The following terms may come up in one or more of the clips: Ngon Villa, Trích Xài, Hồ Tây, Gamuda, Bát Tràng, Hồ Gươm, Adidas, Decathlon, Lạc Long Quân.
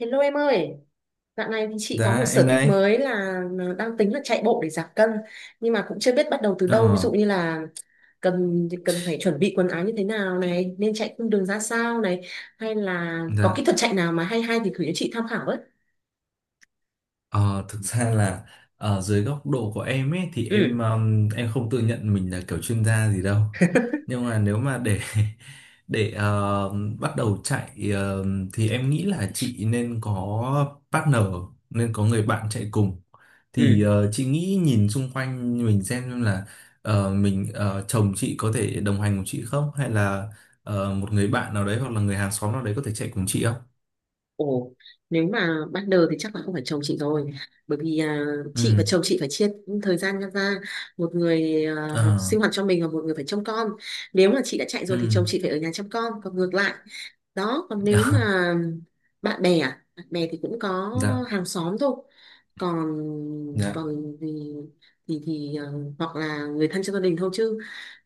Hello em ơi, dạo này thì chị có một Dạ em sở thích đây. mới là đang tính là chạy bộ để giảm cân, nhưng mà cũng chưa biết bắt đầu từ Ờ, đâu. Ví dụ như là cần cần phải chuẩn bị quần áo như thế nào này, nên chạy cung đường ra sao này, hay là có kỹ dạ. thuật chạy nào mà hay hay thì gửi cho chị tham khảo với. Ờ, Thực ra là ở dưới góc độ của em ấy thì Ừ. em không tự nhận mình là kiểu chuyên gia gì đâu. Nhưng mà nếu mà để để bắt đầu chạy, thì em nghĩ là chị nên có partner, nên có người bạn chạy cùng. Thì Ừ. Chị nghĩ nhìn xung quanh mình xem là mình, chồng chị có thể đồng hành cùng chị không, hay là một người bạn nào đấy hoặc là người hàng xóm nào đấy có thể chạy cùng chị không? Ồ, nếu mà ban đầu thì chắc là không phải chồng chị rồi, bởi vì chị và Ừ. chồng chị phải chia thời gian ra, một người Ờ, sinh hoạt cho mình và một người phải trông con. Nếu mà chị đã chạy ừ. rồi thì chồng chị phải ở nhà trông con, còn ngược lại đó. Còn nếu mà bạn bè thì cũng có Dạ, hàng xóm thôi. còn dạ, còn thì thì thì ờ, hoặc là người thân trong gia đình thôi, chứ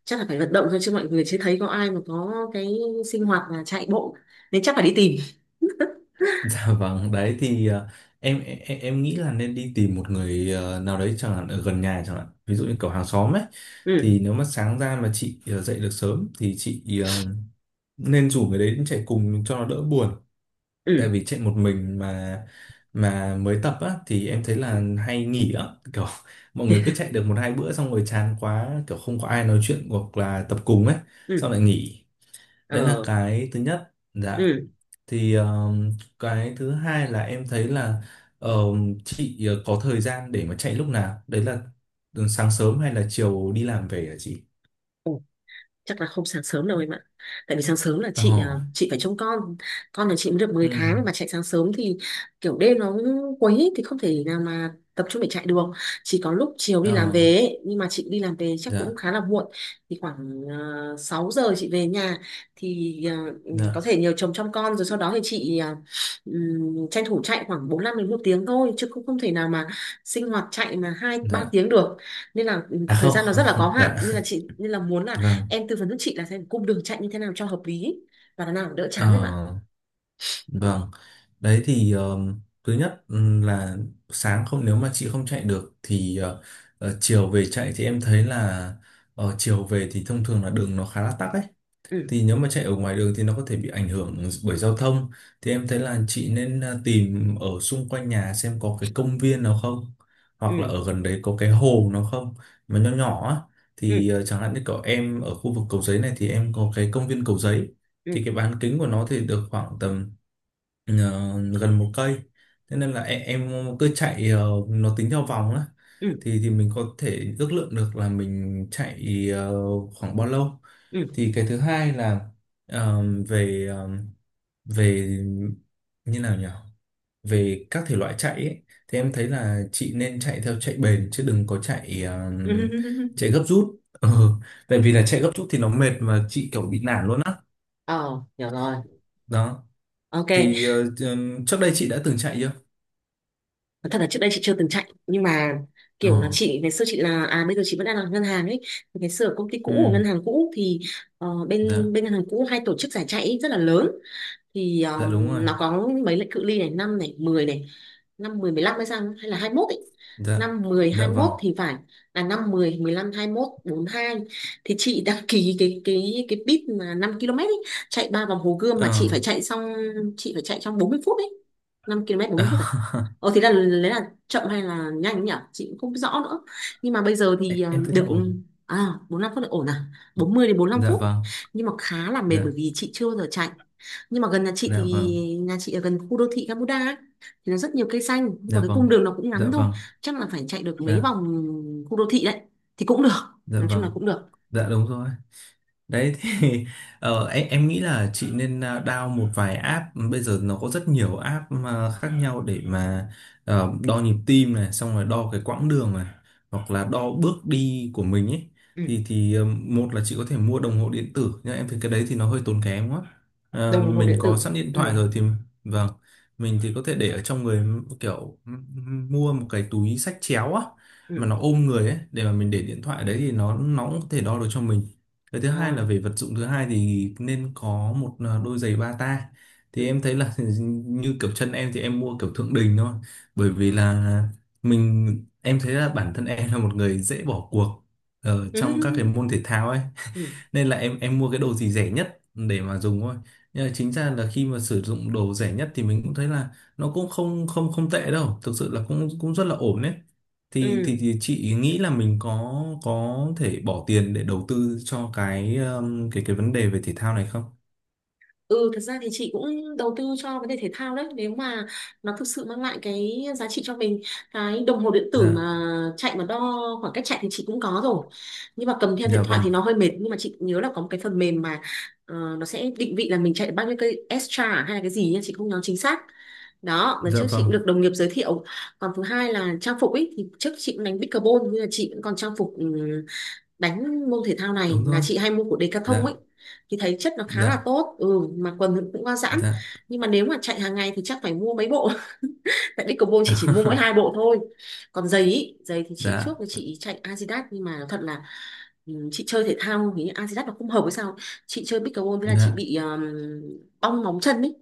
chắc là phải vận động thôi, chứ mọi người chưa thấy có ai mà có cái sinh hoạt là chạy bộ, nên chắc phải đi tìm. dạ vâng. Đấy thì em nghĩ là nên đi tìm một người nào đấy chẳng hạn, ở gần nhà chẳng hạn, ví dụ như kiểu hàng xóm ấy, Ừ. thì nếu mà sáng ra mà chị dậy được sớm thì chị nên rủ người đấy đến chạy cùng cho nó đỡ buồn. Tại Ừ. vì chạy một mình, mà mới tập á, thì em thấy là hay nghỉ á. Kiểu mọi người cứ chạy được một hai bữa xong rồi chán quá, kiểu không có ai nói chuyện hoặc là tập cùng ấy, Ừ. xong lại nghỉ. Đấy là Ờ. cái thứ nhất. Dạ. Ừ. Thì cái thứ hai là em thấy là, chị có thời gian để mà chạy lúc nào đấy là, sáng sớm hay là chiều đi làm về hả chị? Ừ. Chắc là không sáng sớm đâu em ạ, tại vì sáng sớm là Ờ. chị phải trông con. Con nhà chị mới được mười Ừ. tháng mà chạy sáng sớm thì kiểu đêm nó cũng quấy ấy, thì không thể nào mà tập trung để chạy được. Chỉ có lúc chiều đi Ờ. làm về ấy. Nhưng mà chị đi làm về chắc cũng Dạ, khá là muộn, thì khoảng 6 giờ chị về nhà, thì có dạ, thể nhờ chồng trông con, rồi sau đó thì chị tranh thủ chạy khoảng 45 đến một tiếng thôi, chứ cũng không thể nào mà sinh hoạt chạy mà hai ba dạ. tiếng được. Nên là À, thời không, gian nó không. rất là có hạn, Dạ nên là chị nên là muốn là vâng. em tư vấn giúp chị là xem cung đường chạy như thế nào cho hợp lý và là nào đỡ chán em ạ. Ờ, vâng. Đấy thì thứ nhất, là sáng không, nếu mà chị không chạy được thì chiều về chạy thì em thấy là, chiều về thì thông thường là đường nó khá là tắc ấy, Ừ. thì nếu mà chạy ở ngoài đường thì nó có thể bị ảnh hưởng bởi giao thông, thì em thấy là chị nên tìm ở xung quanh nhà xem có cái công viên nào không, Ừ. hoặc là ở gần đấy có cái hồ nào không mà nhỏ nhỏ á. Ừ. Thì chẳng hạn như cậu em ở khu vực Cầu Giấy này thì em có cái công viên Cầu Giấy. Ừ. Thì cái bán kính của nó thì được khoảng tầm ờ, gần một cây. Thế nên là em cứ chạy, nó tính theo vòng á. Ừ. Thì mình có thể ước lượng được là mình chạy khoảng bao lâu. Ừ. Thì cái thứ hai là, ờ, về, về như nào nhỉ, về các thể loại chạy ấy, thì em thấy là chị nên chạy theo chạy bền chứ đừng có chạy, Ừ. chạy gấp rút. Ừ. Tại vì là chạy gấp rút thì nó mệt mà chị kiểu bị nản luôn á. Ờ, hiểu rồi. Đó. Ok. Thì trước đây chị đã từng chạy chưa? Thật là trước đây chị chưa từng chạy, nhưng mà Ờ. kiểu là chị ngày xưa, chị là à bây giờ chị vẫn đang làm ngân hàng ấy. Ngày xưa ở công ty cũ, của Ừ, ngân hàng cũ thì bên dạ, bên ngân hàng cũ hay tổ chức giải chạy rất là lớn. Thì dạ đúng rồi, nó có mấy lệnh cự ly này: năm này, 10 này, năm mười mười lăm hay sao, hay là 21 ấy. dạ, Năm mười hai dạ mốt vâng. thì phải, là năm mười mười lăm hai mốt bốn hai. Thì chị đăng ký cái bit mà 5 km ấy, chạy ba vòng Hồ Gươm mà chị Ờ. phải chạy xong, chị phải chạy trong 40 phút ấy. 5 km mươi phút à. Ờ thì là lấy là chậm hay là nhanh ấy nhỉ, chị cũng không rõ nữa. Nhưng mà bây giờ em thì em thấy được là ổn. à. 45 phút là ổn à, bốn mươi đến bốn lăm Dạ phút vâng, nhưng mà khá là mệt bởi dạ, vì chị chưa bao giờ chạy. Nhưng mà gần nhà chị thì dạ vâng, nhà chị ở gần khu đô thị Gamuda ấy, thì nó rất nhiều cây xanh, nhưng mà dạ cái cung vâng, đường nó cũng dạ ngắn thôi, vâng, chắc là phải chạy được mấy dạ, vòng khu đô thị đấy thì cũng được. dạ Nói chung là vâng, cũng được. dạ đúng rồi. Đấy thì em nghĩ là chị nên down một vài app. Bây giờ nó có rất nhiều app mà khác nhau để mà đo nhịp tim này, xong rồi đo cái quãng đường này, hoặc là đo bước đi của mình ấy. Ừ. Thì một là chị có thể mua đồng hồ điện tử nhưng em thấy cái đấy thì nó hơi tốn kém quá. Ờ, Đồng hồ mình điện có tử. sẵn điện thoại Ừ. rồi thì, vâng, mình thì có thể để ở trong người, kiểu mua một cái túi xách chéo á mà Ừ. nó ôm người ấy, để mà mình để điện thoại đấy thì nó cũng có thể đo được cho mình. Cái thứ hai À. là về vật dụng, thứ hai thì nên có một đôi giày bata. Thì Ừ. em thấy là như kiểu chân em thì em mua kiểu Thượng Đình thôi. Bởi vì là mình em thấy là bản thân em là một người dễ bỏ cuộc ở Ừ. trong các cái môn thể thao ấy, Ừ. nên là em mua cái đồ gì rẻ nhất để mà dùng thôi. Nhưng mà chính ra là khi mà sử dụng đồ rẻ nhất thì mình cũng thấy là nó cũng không không không tệ đâu, thực sự là cũng cũng rất là ổn đấy. thì, Ừ. thì thì chị nghĩ là mình có thể bỏ tiền để đầu tư cho cái, cái vấn đề về thể thao này không? Ừ, thật ra thì chị cũng đầu tư cho vấn đề thể thao đấy, nếu mà nó thực sự mang lại cái giá trị cho mình. Cái đồng hồ điện tử Dạ, mà chạy mà đo khoảng cách chạy thì chị cũng có rồi, nhưng mà cầm theo điện dạ thoại vâng, thì nó hơi mệt. Nhưng mà chị nhớ là có một cái phần mềm mà nó sẽ định vị là mình chạy được bao nhiêu cây extra hay là cái gì nha, chị không nhớ chính xác. Đó, lần dạ trước chị cũng vâng, được đồng nghiệp giới thiệu. Còn thứ hai là trang phục ấy, thì trước chị cũng đánh pickleball nhưng mà chị cũng còn trang phục. Ừ, Đánh môn thể thao này đúng là rồi, chị hay mua của Decathlon dạ, ấy, thì thấy chất nó khá là dạ, tốt. Ừ mà quần thì cũng qua giãn, dạ. nhưng mà nếu mà chạy hàng ngày thì chắc phải mua mấy bộ. Tại Decathlon chị chỉ mua mỗi hai bộ thôi. Còn giày ý, giày thì chị, Dạ, trước thì chị chạy Adidas, nhưng mà nói thật là, chị chơi thể thao thì Adidas nó không hợp với sao. Chị chơi pickleball với là chị dạ, bị bong móng chân ấy,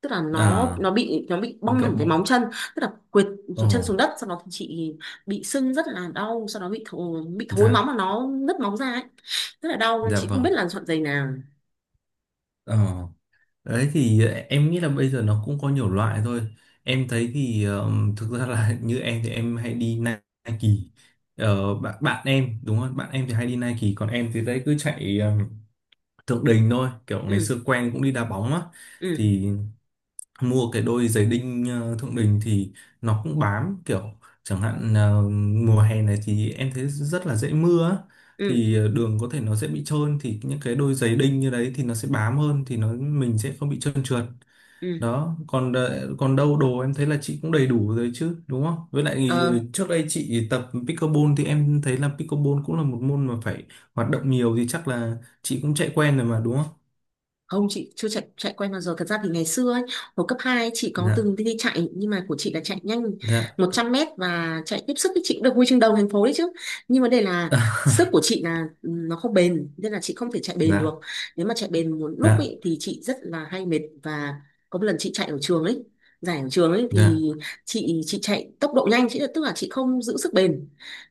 tức là nó à, nó bị nó bị bong cậu hẳn cái bọn, móng chân. Tức là quệt ồ, chân xuống đất, sau đó thì chị bị sưng rất là đau, sau đó bị thối móng dạ, mà nó nứt móng ra ấy, rất là đau. dạ Chị không biết vâng, là chọn giày nào. ờ. Đấy thì em nghĩ là bây giờ nó cũng có nhiều loại thôi. Em thấy thì thực ra là, như em thì em hay đi Nike. Ờ, bạn bạn em đúng không? Bạn em thì hay đi Nike, còn em thì đấy cứ chạy Thượng Đình thôi. Kiểu ngày Ừ. xưa quen cũng đi đá bóng á, Ừ. thì mua cái đôi giày đinh Thượng Đình thì nó cũng bám, kiểu chẳng hạn mùa hè này thì em thấy rất là dễ mưa á. Ừ. Thì đường có thể nó sẽ bị trơn, thì những cái đôi giày đinh như đấy thì nó sẽ bám hơn, thì nó mình sẽ không bị trơn trượt. Ừ. Đó. Còn còn đâu đồ em thấy là chị cũng đầy đủ rồi chứ, đúng không? Với lại thì Ờ. trước đây chị tập pickleball thì em thấy là pickleball cũng là một môn mà phải hoạt động nhiều, thì chắc là chị cũng chạy quen rồi mà đúng không? Không, chị chưa chạy chạy quay bao giờ. Thật ra thì ngày xưa ấy, hồi cấp 2 ấy, chị có Dạ, từng đi chạy. Nhưng mà của chị là chạy nhanh dạ. 100 mét. Và chạy tiếp sức thì chị cũng được huy chương đầu thành phố đấy chứ. Nhưng vấn đề là sức của chị là nó không bền. Nên là chị không thể chạy bền được. Dạ, Nếu mà chạy bền một lúc dạ, ấy, thì chị rất là hay mệt. Và có một lần chị chạy ở trường ấy, giải ở trường ấy, dạ, thì chị chạy tốc độ nhanh, chị tức là chị không giữ sức bền.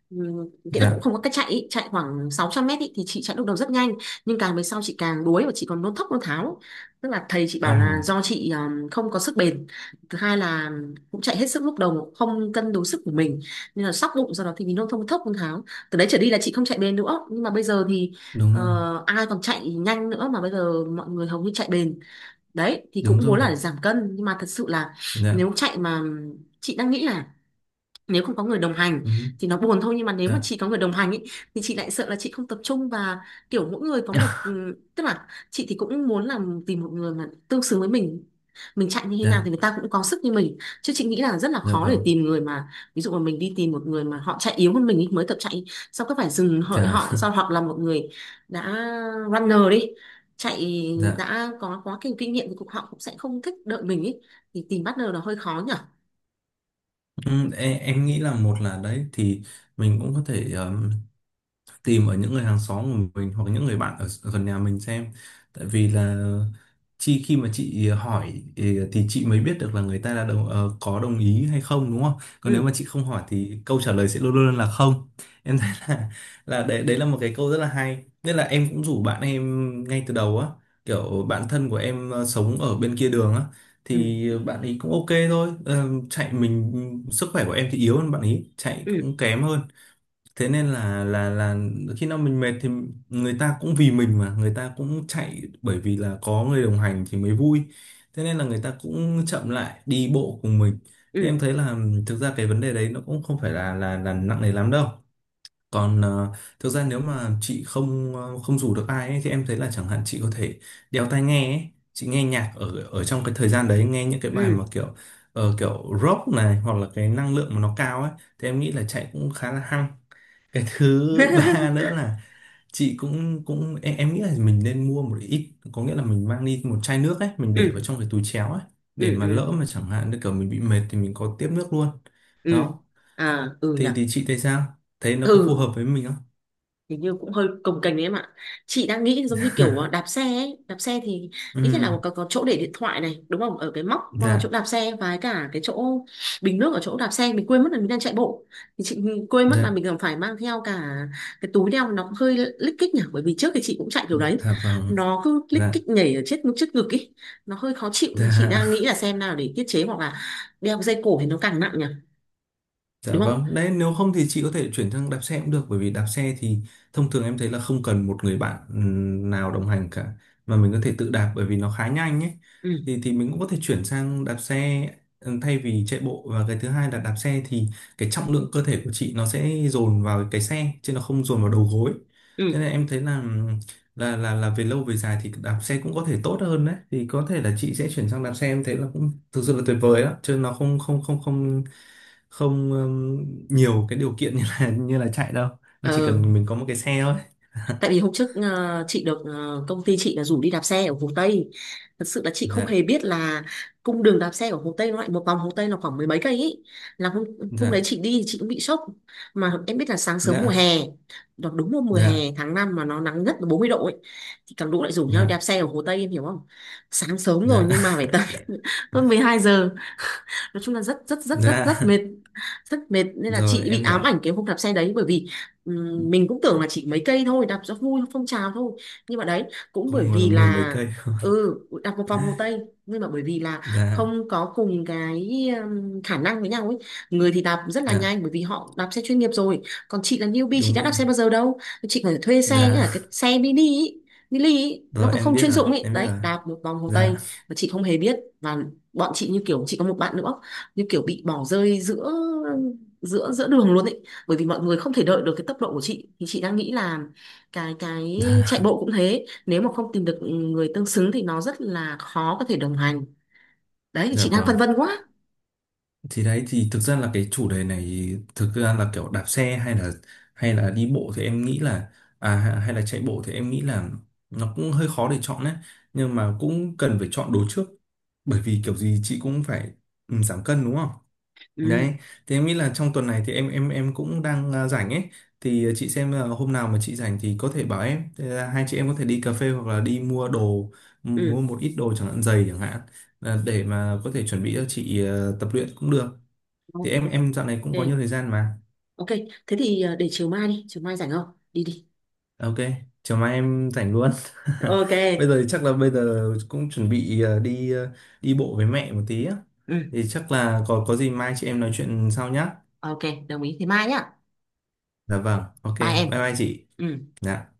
Ừ, nghĩa là cũng dạ, không có cách chạy ý. Chạy khoảng 600 mét ý, thì chị chạy lúc đầu rất nhanh, nhưng càng về sau chị càng đuối, và chị còn nôn thốc nôn tháo. Tức là thầy chị ờ, bảo là do chị không có sức bền. Thứ hai là cũng chạy hết sức lúc đầu, không cân đối sức của mình, nên là sóc bụng, do đó thì mình nôn thốc nôn tháo. Từ đấy trở đi là chị không chạy bền nữa. Nhưng mà bây giờ thì đúng rồi, ai còn chạy nhanh nữa, mà bây giờ mọi người hầu như chạy bền. Đấy thì đúng cũng muốn rồi, là để giảm cân, nhưng mà thật sự là dạ. nếu chạy mà, chị đang nghĩ là, nếu không có người đồng hành Ừ, thì nó buồn thôi. Nhưng mà nếu mà dạ. chị có người đồng hành ý, thì chị lại sợ là chị không tập trung. Và kiểu mỗi người có một tức là chị thì cũng muốn là tìm một người mà tương xứng với mình chạy như thế nào Dạ, thì người ta cũng có sức như mình. Chứ chị nghĩ là rất là dạ khó để vâng, tìm người mà, ví dụ mà mình đi tìm một người mà họ chạy yếu hơn mình ý, mới tập chạy, xong cứ phải dừng hợi dạ, họ do, hoặc là một người đã runner đi chạy dạ. đã có quá kinh kinh nghiệm thì cũng họ cũng sẽ không thích đợi mình ý, thì tìm partner là hơi khó nhở. Ừ, em nghĩ là, một là đấy thì mình cũng có thể tìm ở những người hàng xóm của mình hoặc những người bạn ở ở gần nhà mình xem. Tại vì là chị, khi mà chị hỏi thì chị mới biết được là người ta đã có đồng ý hay không, đúng không? Còn nếu mà Ừ. chị không hỏi thì câu trả lời sẽ luôn luôn là không. Em thấy là đấy đấy là một cái câu rất là hay, nên là em cũng rủ bạn em ngay từ đầu á. Kiểu bạn thân của em sống ở bên kia đường á, Ừ. thì bạn ấy cũng ok thôi. Ờ, chạy mình, sức khỏe của em thì yếu hơn, bạn ấy chạy Ừ. cũng kém hơn. Thế nên là khi nào mình mệt thì người ta cũng vì mình mà người ta cũng chạy, bởi vì là có người đồng hành thì mới vui, thế nên là người ta cũng chậm lại đi bộ cùng mình. Thì em Ừ. thấy là, thực ra cái vấn đề đấy nó cũng không phải là nặng nề lắm đâu. Còn thực ra nếu mà chị không, không rủ được ai ấy, thì em thấy là chẳng hạn chị có thể đeo tai nghe ấy. Chị nghe nhạc ở, trong cái thời gian đấy, nghe những cái bài mà Ừ. kiểu, kiểu rock này, hoặc là cái năng lượng mà nó cao ấy, thì em nghĩ là chạy cũng khá là hăng. Cái thứ ba nữa là chị cũng cũng em nghĩ là mình nên mua một ít, có nghĩa là mình mang đi một chai nước ấy, mình để vào Ừ. trong cái túi chéo ấy, để Ừ. mà Ừ. lỡ mà chẳng hạn như kiểu mình bị mệt thì mình có tiếp nước luôn. Ừ. Đó. À, ừ nhỉ. Thì chị thấy sao, thấy nó có phù Ừ, hợp với mình không? hình như cũng hơi cồng kềnh đấy em ạ. Chị đang nghĩ giống như kiểu đạp xe ấy, đạp xe thì Ừ, ít nhất là có chỗ để điện thoại này, đúng không, ở cái móc chỗ dạ, đạp xe, và cả cái chỗ bình nước ở chỗ đạp xe, mình quên mất là mình đang chạy bộ, thì chị quên mất là dạ, mình còn phải mang theo cả cái túi đeo, nó cũng hơi lích kích nhỉ, bởi vì trước thì chị cũng chạy kiểu đấy, dạ vâng, nó cứ lích dạ, kích nhảy ở chết trước ngực ấy, nó hơi khó chịu. Nhưng chị đang dạ. nghĩ là xem nào để tiết chế, hoặc là đeo cái dây cổ thì nó càng nặng nhỉ, Dạ đúng không. vâng, đấy, nếu không thì chị có thể chuyển sang đạp xe cũng được, bởi vì đạp xe thì thông thường em thấy là không cần một người bạn nào đồng hành cả, mà mình có thể tự đạp, bởi vì nó khá nhanh ấy. Ừ. Thì mình cũng có thể chuyển sang đạp xe thay vì chạy bộ. Và cái thứ hai là, đạp xe thì cái trọng lượng cơ thể của chị nó sẽ dồn vào cái xe chứ nó không dồn vào đầu gối. Thế Ừ. nên em thấy là, là về lâu về dài thì đạp xe cũng có thể tốt hơn. Đấy thì có thể là chị sẽ chuyển sang đạp xe, em thấy là cũng thực sự là tuyệt vời đó chứ, nó không không không không không nhiều cái điều kiện như là như là chạy đâu, nó chỉ Ờ, cần mình có một cái xe thôi. tại vì hôm trước chị được công ty chị là rủ đi đạp xe ở Hồ Tây. Thật sự là chị không Dạ, hề biết là cung đường đạp xe ở Hồ Tây nó lại một vòng Hồ Tây là khoảng mười mấy cây ý. Là hôm hôm đấy dạ, chị đi thì chị cũng bị sốc, mà em biết là sáng sớm mùa dạ, hè đó, đúng hôm mùa hè dạ, tháng 5 mà nó nắng nhất là 40 độ ấy, thì cả lũ lại rủ nhau đạp dạ, xe ở Hồ Tây, em hiểu không. Sáng sớm rồi, dạ. nhưng mà phải tới hơn 12 giờ. Nói chung là rất rất rất rất rất Dạ, mệt. Rất mệt, nên là rồi chị bị em hiểu. ám ảnh cái hôm đạp xe đấy, bởi vì mình cũng tưởng là chỉ mấy cây thôi, đạp cho vui phong trào thôi. Nhưng mà đấy, cũng bởi Không ngờ là vì mười mấy là cây. ừ đạp một vòng Hồ Tây. Nhưng mà bởi vì là Dạ, không có cùng cái khả năng với nhau ấy, người thì đạp rất là dạ nhanh bởi vì họ đạp xe chuyên nghiệp rồi, còn chị là newbie, chị đúng đã rồi. đạp xe bao giờ đâu. Chị phải thuê xe nhá, Dạ, cái xe mini ý, nó rồi còn em không biết chuyên rồi, dụng ấy. em biết Đấy, rồi. đạp một vòng Hồ Dạ, Tây mà chị không hề biết, và bọn chị như kiểu, chị có một bạn nữa, như kiểu bị bỏ rơi giữa giữa giữa đường luôn ấy, bởi vì mọi người không thể đợi được cái tốc độ của chị. Thì chị đang nghĩ là cái chạy bộ cũng thế, nếu mà không tìm được người tương xứng thì nó rất là khó có thể đồng hành. Đấy thì dạ chị đang vâng. phân vân quá. Thì đấy thì, thực ra là cái chủ đề này, thực ra là kiểu đạp xe hay là, đi bộ thì em nghĩ là, hay là chạy bộ thì em nghĩ là nó cũng hơi khó để chọn đấy. Nhưng mà cũng cần phải chọn đồ trước, bởi vì kiểu gì chị cũng phải, giảm cân đúng không? Ừ. Đấy thì em nghĩ là trong tuần này thì em cũng đang rảnh ấy, thì chị xem là hôm nào mà chị rảnh thì có thể bảo em. Thế là hai chị em có thể đi cà phê, hoặc là đi mua đồ, mua Ừ. một ít đồ chẳng hạn, giày chẳng hạn, là để mà có thể chuẩn bị cho chị tập luyện cũng được. Thì em Ok. em dạo này cũng có nhiều thời gian mà. Ok, thế thì để chiều mai đi, chiều mai rảnh không, đi đi. À, ok, chiều mai em rảnh luôn. Ok. Bây giờ thì chắc là bây giờ cũng chuẩn bị đi bộ với mẹ một tí á, Ừ. thì chắc là có gì mai chị em nói chuyện sau nhá. Ok, đồng ý, thế mai nhá. Dạ vâng, ok, Bye bye em. bye chị. Ừ. Dạ.